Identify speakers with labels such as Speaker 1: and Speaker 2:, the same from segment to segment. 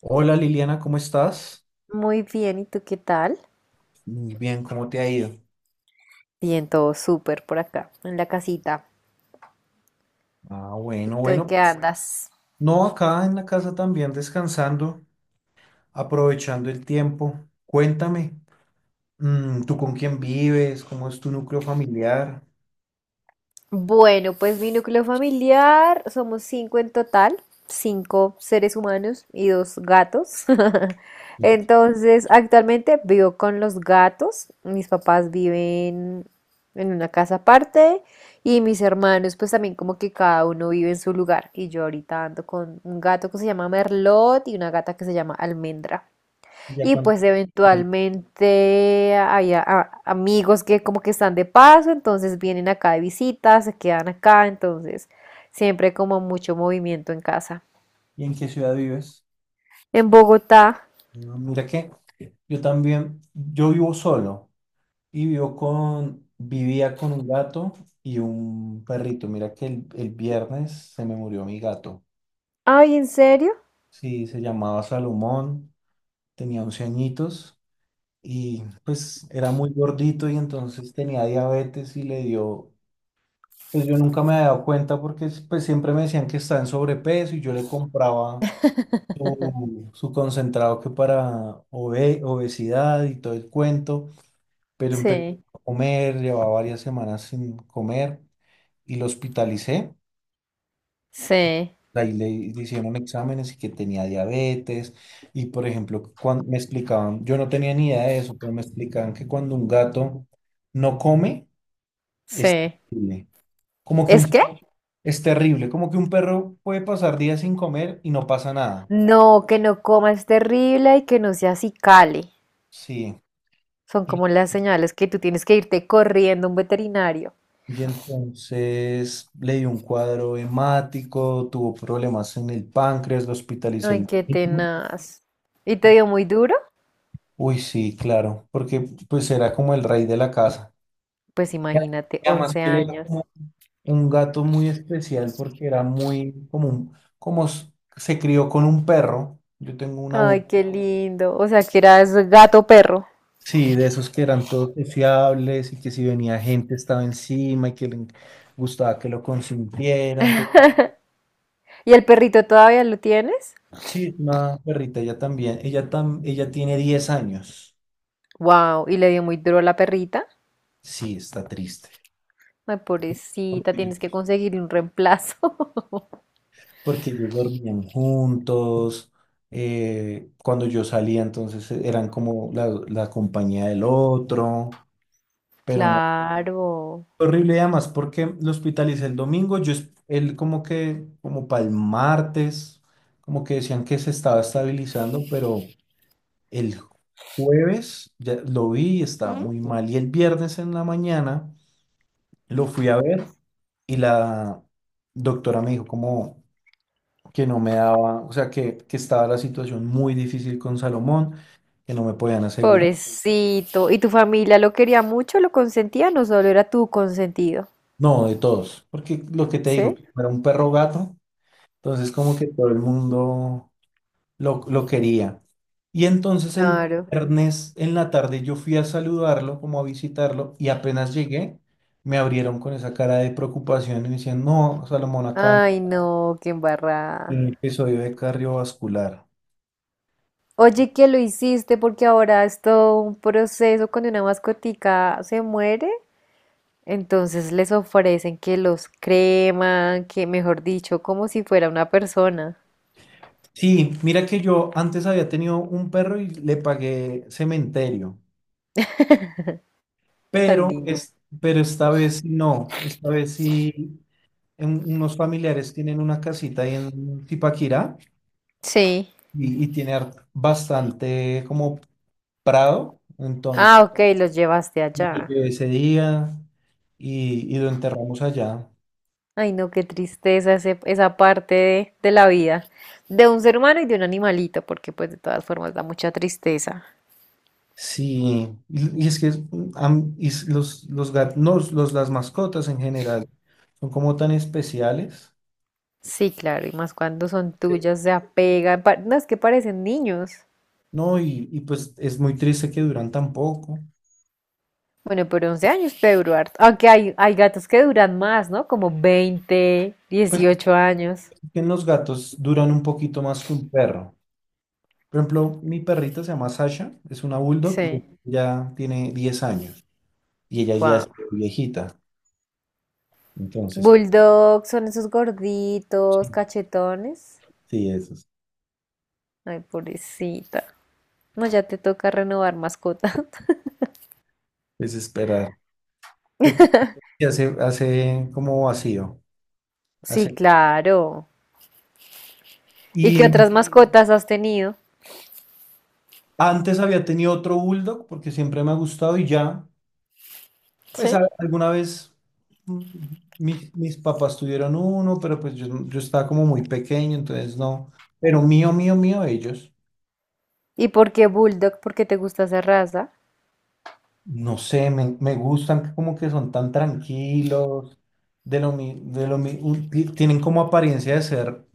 Speaker 1: Hola Liliana, ¿cómo estás?
Speaker 2: Muy bien, ¿y tú qué tal?
Speaker 1: Muy bien, ¿cómo te ha ido?
Speaker 2: Bien, todo súper por acá, en la casita.
Speaker 1: Ah,
Speaker 2: ¿Y
Speaker 1: bueno,
Speaker 2: tú en
Speaker 1: bueno.
Speaker 2: qué andas?
Speaker 1: No, acá en la casa también descansando, aprovechando el tiempo. Cuéntame, ¿tú con quién vives? ¿Cómo es tu núcleo familiar?
Speaker 2: Bueno, pues mi núcleo familiar, somos cinco en total, cinco seres humanos y dos gatos. Entonces, actualmente vivo con los gatos. Mis papás viven en una casa aparte y mis hermanos, pues también como que cada uno vive en su lugar. Y yo ahorita ando con un gato que se llama Merlot y una gata que se llama Almendra.
Speaker 1: ¿Ya
Speaker 2: Y
Speaker 1: cuánto
Speaker 2: pues
Speaker 1: tienes?
Speaker 2: eventualmente hay amigos que como que están de paso, entonces vienen acá de visita, se quedan acá, entonces siempre como mucho movimiento en casa.
Speaker 1: ¿Y en qué ciudad vives?
Speaker 2: En Bogotá.
Speaker 1: Ah, mira que yo también, yo vivo solo y vivía con un gato y un perrito. Mira que el viernes se me murió mi gato.
Speaker 2: Ay, ¿en serio?
Speaker 1: Sí, se llamaba Salomón. Tenía 11 añitos y pues era muy gordito y entonces tenía diabetes y le dio, pues yo nunca me había dado cuenta porque pues siempre me decían que estaba en sobrepeso y yo le compraba su concentrado que para obesidad y todo el cuento, pero empezó
Speaker 2: Sí,
Speaker 1: a comer, llevaba varias semanas sin comer y lo hospitalicé.
Speaker 2: sí,
Speaker 1: Ahí le hicieron exámenes y que tenía diabetes. Y por ejemplo, cuando me explicaban, yo no tenía ni idea de eso, pero me explicaban que cuando un gato no come, es
Speaker 2: sí.
Speaker 1: terrible. Como que
Speaker 2: ¿Es que?
Speaker 1: un,
Speaker 2: Sí.
Speaker 1: es terrible, como que un perro puede pasar días sin comer y no pasa nada.
Speaker 2: No, que no comas terrible y que no seas cali.
Speaker 1: Sí.
Speaker 2: Son
Speaker 1: Y,
Speaker 2: como las señales que tú tienes que irte corriendo a un veterinario.
Speaker 1: y entonces le dio un cuadro hemático, tuvo problemas en el páncreas, lo hospitalicé el
Speaker 2: Ay, qué
Speaker 1: domingo.
Speaker 2: tenaz. ¿Y te dio muy duro?
Speaker 1: Uy, sí, claro, porque pues era como el rey de la casa.
Speaker 2: Pues
Speaker 1: Ya,
Speaker 2: imagínate,
Speaker 1: y además
Speaker 2: 11
Speaker 1: que él era
Speaker 2: años.
Speaker 1: como un gato muy especial porque era muy común. Como se crió con un perro, yo tengo una
Speaker 2: Ay,
Speaker 1: burra.
Speaker 2: qué lindo. O sea, que eras gato perro.
Speaker 1: Sí, de esos que eran todos sociables y que si venía gente estaba encima y que le gustaba que lo consintieran. Entonces,
Speaker 2: ¿Y el perrito todavía lo tienes?
Speaker 1: sí, es una perrita, ella también. Ella tiene 10 años.
Speaker 2: Wow, y le dio muy duro a la perrita.
Speaker 1: Sí, está triste.
Speaker 2: Ay, pobrecita,
Speaker 1: Porque,
Speaker 2: tienes que conseguir un reemplazo.
Speaker 1: porque ellos dormían juntos. Cuando yo salía, entonces eran como la compañía del otro, pero no.
Speaker 2: Claro.
Speaker 1: Horrible, y además, porque lo hospitalicé el domingo, él como que, como para el martes, como que decían que se estaba estabilizando, pero el jueves ya lo vi y estaba Ujú. Muy mal. Y el viernes en la mañana lo fui a ver y la doctora me dijo como que no me daba, o sea, que estaba la situación muy difícil con Salomón, que no me podían asegurar.
Speaker 2: Pobrecito. ¿Y tu familia lo quería mucho, lo consentía? No solo era tu consentido.
Speaker 1: No, de todos, porque lo que te
Speaker 2: ¿Sí?
Speaker 1: digo, era un perro gato, entonces como que todo el mundo lo quería. Y entonces el
Speaker 2: Claro.
Speaker 1: viernes en la tarde yo fui a saludarlo, como a visitarlo, y apenas llegué, me abrieron con esa cara de preocupación y me decían, no, Salomón, acá en
Speaker 2: Ay, no, qué embarrada.
Speaker 1: un episodio de cardiovascular.
Speaker 2: Oye, ¿qué lo hiciste? Porque ahora es todo un proceso cuando una mascotica se muere. Entonces les ofrecen que los creman, que mejor dicho, como si fuera una persona.
Speaker 1: Sí, mira que yo antes había tenido un perro y le pagué cementerio,
Speaker 2: Tan
Speaker 1: pero,
Speaker 2: lindo.
Speaker 1: es, pero esta vez no, esta vez sí, unos familiares tienen una casita ahí en Tipaquirá
Speaker 2: Sí.
Speaker 1: y, tiene bastante como prado, entonces
Speaker 2: Ah, ok, los llevaste
Speaker 1: me lo
Speaker 2: allá.
Speaker 1: llevé ese día y lo enterramos allá.
Speaker 2: Ay, no, qué tristeza esa parte de la vida de un ser humano y de un animalito, porque pues de todas formas da mucha tristeza.
Speaker 1: Sí, y es que es- am- y s- los, gat- no, los, las mascotas en general son como tan especiales,
Speaker 2: Sí, claro, y más cuando son tuyas, se apegan. No, es que parecen niños.
Speaker 1: ¿no? Y pues es muy triste que duran tan poco.
Speaker 2: Bueno, pero 11 años puede durar. Aunque hay gatos que duran más, ¿no? Como 20,
Speaker 1: Pues
Speaker 2: 18 años.
Speaker 1: es que los gatos duran un poquito más que un perro. Por ejemplo, mi perrita se llama Sasha, es una bulldog y
Speaker 2: Sí,
Speaker 1: ya tiene 10 años y ella ya
Speaker 2: wow.
Speaker 1: es viejita. Entonces, pues,
Speaker 2: Bulldogs son esos gorditos,
Speaker 1: sí,
Speaker 2: cachetones.
Speaker 1: sí, eso.
Speaker 2: Ay, pobrecita. No, ya te toca renovar mascota.
Speaker 1: Desesperar. Porque hace como vacío.
Speaker 2: Sí,
Speaker 1: Hace.
Speaker 2: claro. ¿Y qué
Speaker 1: Y
Speaker 2: otras, sí, mascotas has tenido?
Speaker 1: antes había tenido otro bulldog porque siempre me ha gustado y ya, pues
Speaker 2: ¿Sí?
Speaker 1: alguna vez mm, mis papás tuvieron uno, pero pues yo estaba como muy pequeño, entonces no. Pero mío, mío, mío, ellos.
Speaker 2: ¿Y por qué Bulldog? ¿Por qué te gusta esa raza?
Speaker 1: No sé, me gustan como que son tan tranquilos, de lo mi- un- ti- tienen como apariencia de ser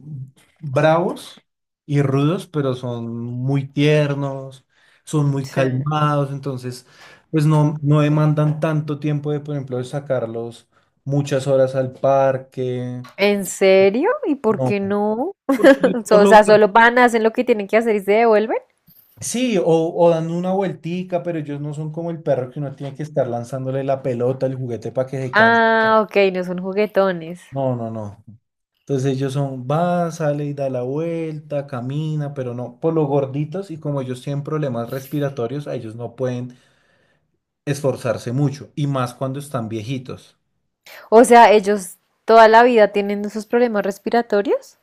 Speaker 1: bravos y rudos, pero son muy tiernos, son muy
Speaker 2: Sí.
Speaker 1: calmados, entonces pues no demandan tanto tiempo de, por ejemplo, de sacarlos muchas horas al parque,
Speaker 2: ¿En serio? ¿Y por
Speaker 1: no,
Speaker 2: qué no?
Speaker 1: porque ellos
Speaker 2: O sea, solo van, hacen lo que tienen que hacer y se devuelven.
Speaker 1: sí, o dando una vueltica, pero ellos no son como el perro que uno tiene que estar lanzándole la pelota, el juguete para que se canse.
Speaker 2: Ah, ok, no son juguetones.
Speaker 1: No, no, no. Entonces ellos son, va, sale y da la vuelta, camina, pero no, por lo gorditos y como ellos tienen problemas respiratorios, a ellos no pueden esforzarse mucho, y más cuando están viejitos.
Speaker 2: O sea, ellos toda la vida tienen esos problemas respiratorios.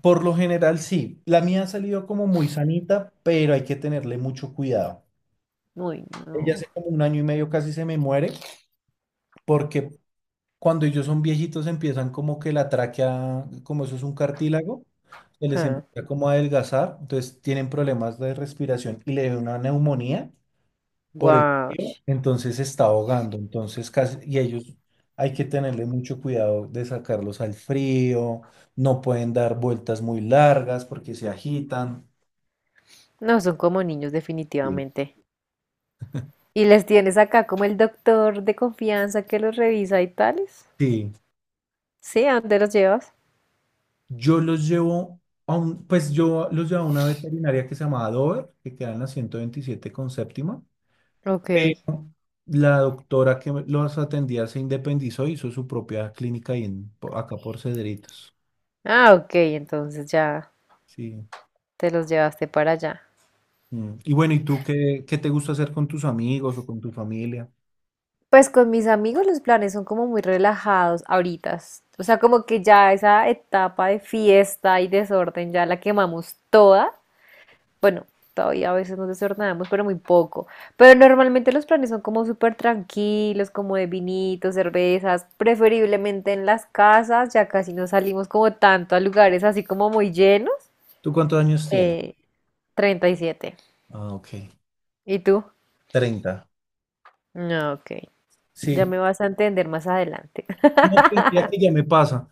Speaker 1: Por lo general, sí. La mía ha salido como muy sanita, pero hay que tenerle mucho cuidado.
Speaker 2: Uy,
Speaker 1: Ella
Speaker 2: no.
Speaker 1: hace como un año y medio casi se me muere porque cuando ellos son viejitos empiezan como que la tráquea, como eso es un cartílago, se les
Speaker 2: Huh.
Speaker 1: empieza como a adelgazar, entonces tienen problemas de respiración y le da una neumonía por el-
Speaker 2: Guau.
Speaker 1: entonces se está ahogando, entonces casi, y ellos hay que tenerle mucho cuidado de sacarlos al frío, no pueden dar vueltas muy largas porque se agitan.
Speaker 2: No, son como niños
Speaker 1: Sí.
Speaker 2: definitivamente. ¿Y les tienes acá como el doctor de confianza que los revisa y tales?
Speaker 1: Sí,
Speaker 2: Sí, ¿a dónde los llevas?
Speaker 1: yo los llevo a una veterinaria que se llamaba Dover, que queda en la 127 con séptima.
Speaker 2: Ok.
Speaker 1: Pero la doctora que los atendía se independizó, hizo su propia clínica ahí acá por Cedritos.
Speaker 2: Ah, ok, entonces ya
Speaker 1: Sí.
Speaker 2: te los llevaste para allá.
Speaker 1: Mm. Y bueno, ¿y tú qué, te gusta hacer con tus amigos o con tu familia?
Speaker 2: Pues con mis amigos los planes son como muy relajados ahorita. O sea, como que ya esa etapa de fiesta y desorden ya la quemamos toda. Bueno, todavía a veces nos desordenamos, pero muy poco. Pero normalmente los planes son como súper tranquilos, como de vinitos, cervezas, preferiblemente en las casas, ya casi no salimos como tanto a lugares así como muy llenos.
Speaker 1: ¿Tú cuántos años tienes?
Speaker 2: Eh, 37.
Speaker 1: Ah, ok.
Speaker 2: ¿Y tú?
Speaker 1: 30.
Speaker 2: No, ok. Ya
Speaker 1: Sí.
Speaker 2: me vas a entender más adelante.
Speaker 1: No, pero mira que ya me pasa.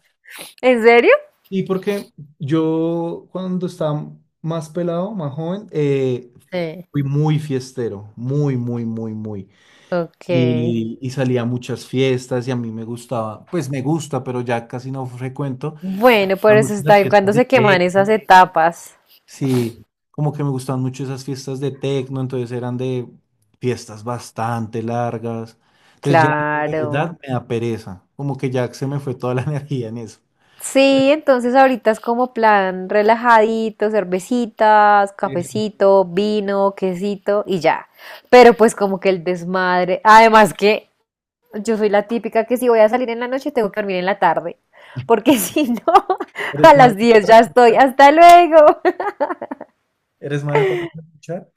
Speaker 2: ¿En serio?
Speaker 1: Y porque yo cuando estaba más pelado, más joven,
Speaker 2: Sí.
Speaker 1: fui muy fiestero, muy, muy, muy, muy.
Speaker 2: Ok.
Speaker 1: Y salía a muchas fiestas y a mí me gustaba, pues me gusta, pero ya casi no frecuento. Me
Speaker 2: Bueno, por
Speaker 1: gustan
Speaker 2: eso
Speaker 1: mucho
Speaker 2: está
Speaker 1: las
Speaker 2: bien
Speaker 1: fiestas
Speaker 2: cuando
Speaker 1: de
Speaker 2: se queman esas
Speaker 1: tecno.
Speaker 2: etapas.
Speaker 1: Sí, como que me gustaban mucho esas fiestas de tecno, entonces eran de fiestas bastante largas. Entonces ya, la
Speaker 2: Claro.
Speaker 1: verdad, me da pereza. Como que ya se me fue toda la energía en eso.
Speaker 2: Sí, entonces ahorita es como plan relajadito, cervecitas,
Speaker 1: Eso.
Speaker 2: cafecito, vino, quesito y ya. Pero pues como que el desmadre. Además que yo soy la típica que si voy a salir en la noche tengo que dormir en la tarde. Porque si no,
Speaker 1: ¿Eres
Speaker 2: a
Speaker 1: mala
Speaker 2: las
Speaker 1: para
Speaker 2: 10 ya estoy.
Speaker 1: trasnochar?
Speaker 2: Hasta luego.
Speaker 1: ¿Eres mala para trasnochar?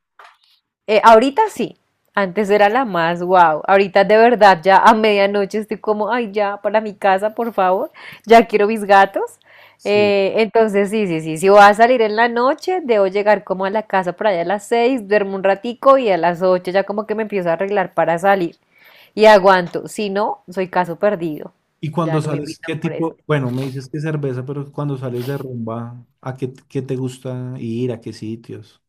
Speaker 2: Ahorita sí, antes era la más wow. Ahorita de verdad ya a medianoche estoy como, ay, ya, para mi casa, por favor, ya quiero mis gatos.
Speaker 1: Sí.
Speaker 2: Entonces sí, sí, sí, si voy a salir en la noche, debo llegar como a la casa por allá a las 6, duermo un ratico y a las 8 ya como que me empiezo a arreglar para salir y aguanto. Si no, soy caso perdido.
Speaker 1: Y
Speaker 2: Ya
Speaker 1: cuando
Speaker 2: no me
Speaker 1: sales,
Speaker 2: invitan
Speaker 1: ¿qué
Speaker 2: por eso.
Speaker 1: tipo? Bueno, me dices que cerveza, pero cuando sales de rumba, ¿a qué te gusta ir? ¿A qué sitios?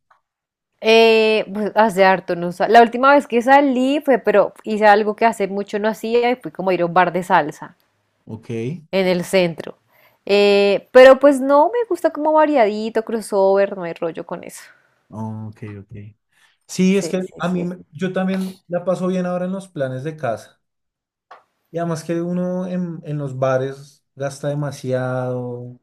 Speaker 2: Pues hace harto no sa- la última vez que salí fue, pero hice algo que hace mucho no hacía y fui como a ir a un bar de salsa
Speaker 1: Ok,
Speaker 2: en el centro. Pero pues no, me gusta como variadito, crossover, no hay rollo con eso.
Speaker 1: oh, ok, ok. Sí, es
Speaker 2: Sí,
Speaker 1: que
Speaker 2: sí,
Speaker 1: a
Speaker 2: sí.
Speaker 1: yo también la paso bien ahora en los planes de casa. Y además que uno en los bares gasta demasiado,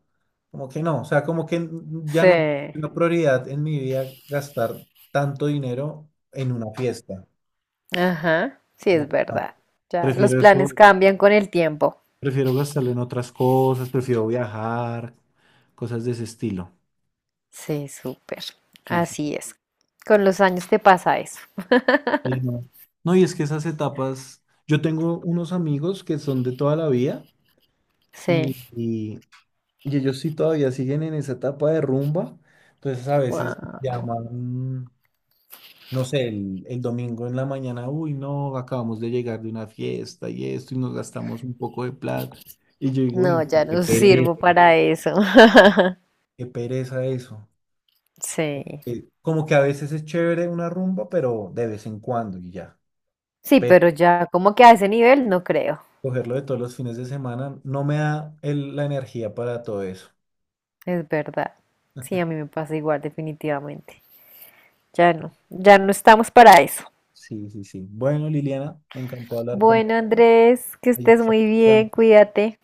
Speaker 1: como que no, o sea, como que ya no es
Speaker 2: Sí,
Speaker 1: una prioridad en mi vida gastar tanto dinero en una fiesta.
Speaker 2: ajá, sí
Speaker 1: Como
Speaker 2: es
Speaker 1: que no.
Speaker 2: verdad. Ya, los
Speaker 1: Prefiero eso
Speaker 2: planes cambian con el tiempo.
Speaker 1: Prefiero gastarlo en otras cosas, prefiero viajar, cosas de ese estilo.
Speaker 2: Sí, súper.
Speaker 1: Sí, sí.
Speaker 2: Así es. Con los años te pasa eso.
Speaker 1: Y no. No, y es que esas etapas, yo tengo unos amigos que son de toda la vida y,
Speaker 2: Sí,
Speaker 1: y- y ellos sí todavía siguen en esa etapa de rumba, entonces a veces me
Speaker 2: wow.
Speaker 1: llaman, no sé, el domingo en la mañana, uy, no, acabamos de llegar de una fiesta y esto y nos gastamos un poco de plata. Y yo digo,
Speaker 2: No,
Speaker 1: uy,
Speaker 2: ya
Speaker 1: qué
Speaker 2: no
Speaker 1: pereza,
Speaker 2: sirvo para eso.
Speaker 1: qué pereza eso.
Speaker 2: Sí.
Speaker 1: Como que a veces es chévere una rumba, pero de vez en cuando y ya.
Speaker 2: Sí,
Speaker 1: Pero
Speaker 2: pero ya como que a ese nivel no creo.
Speaker 1: cogerlo de todos los fines de semana no me da la energía para todo eso.
Speaker 2: Es verdad. Sí, a mí me pasa igual, definitivamente. Ya no, ya no estamos para eso.
Speaker 1: Sí, sí, sí. Bueno, Liliana, me encantó hablar
Speaker 2: Bueno,
Speaker 1: contigo.
Speaker 2: Andrés, que
Speaker 1: Ahí
Speaker 2: estés
Speaker 1: está.
Speaker 2: muy bien, cuídate.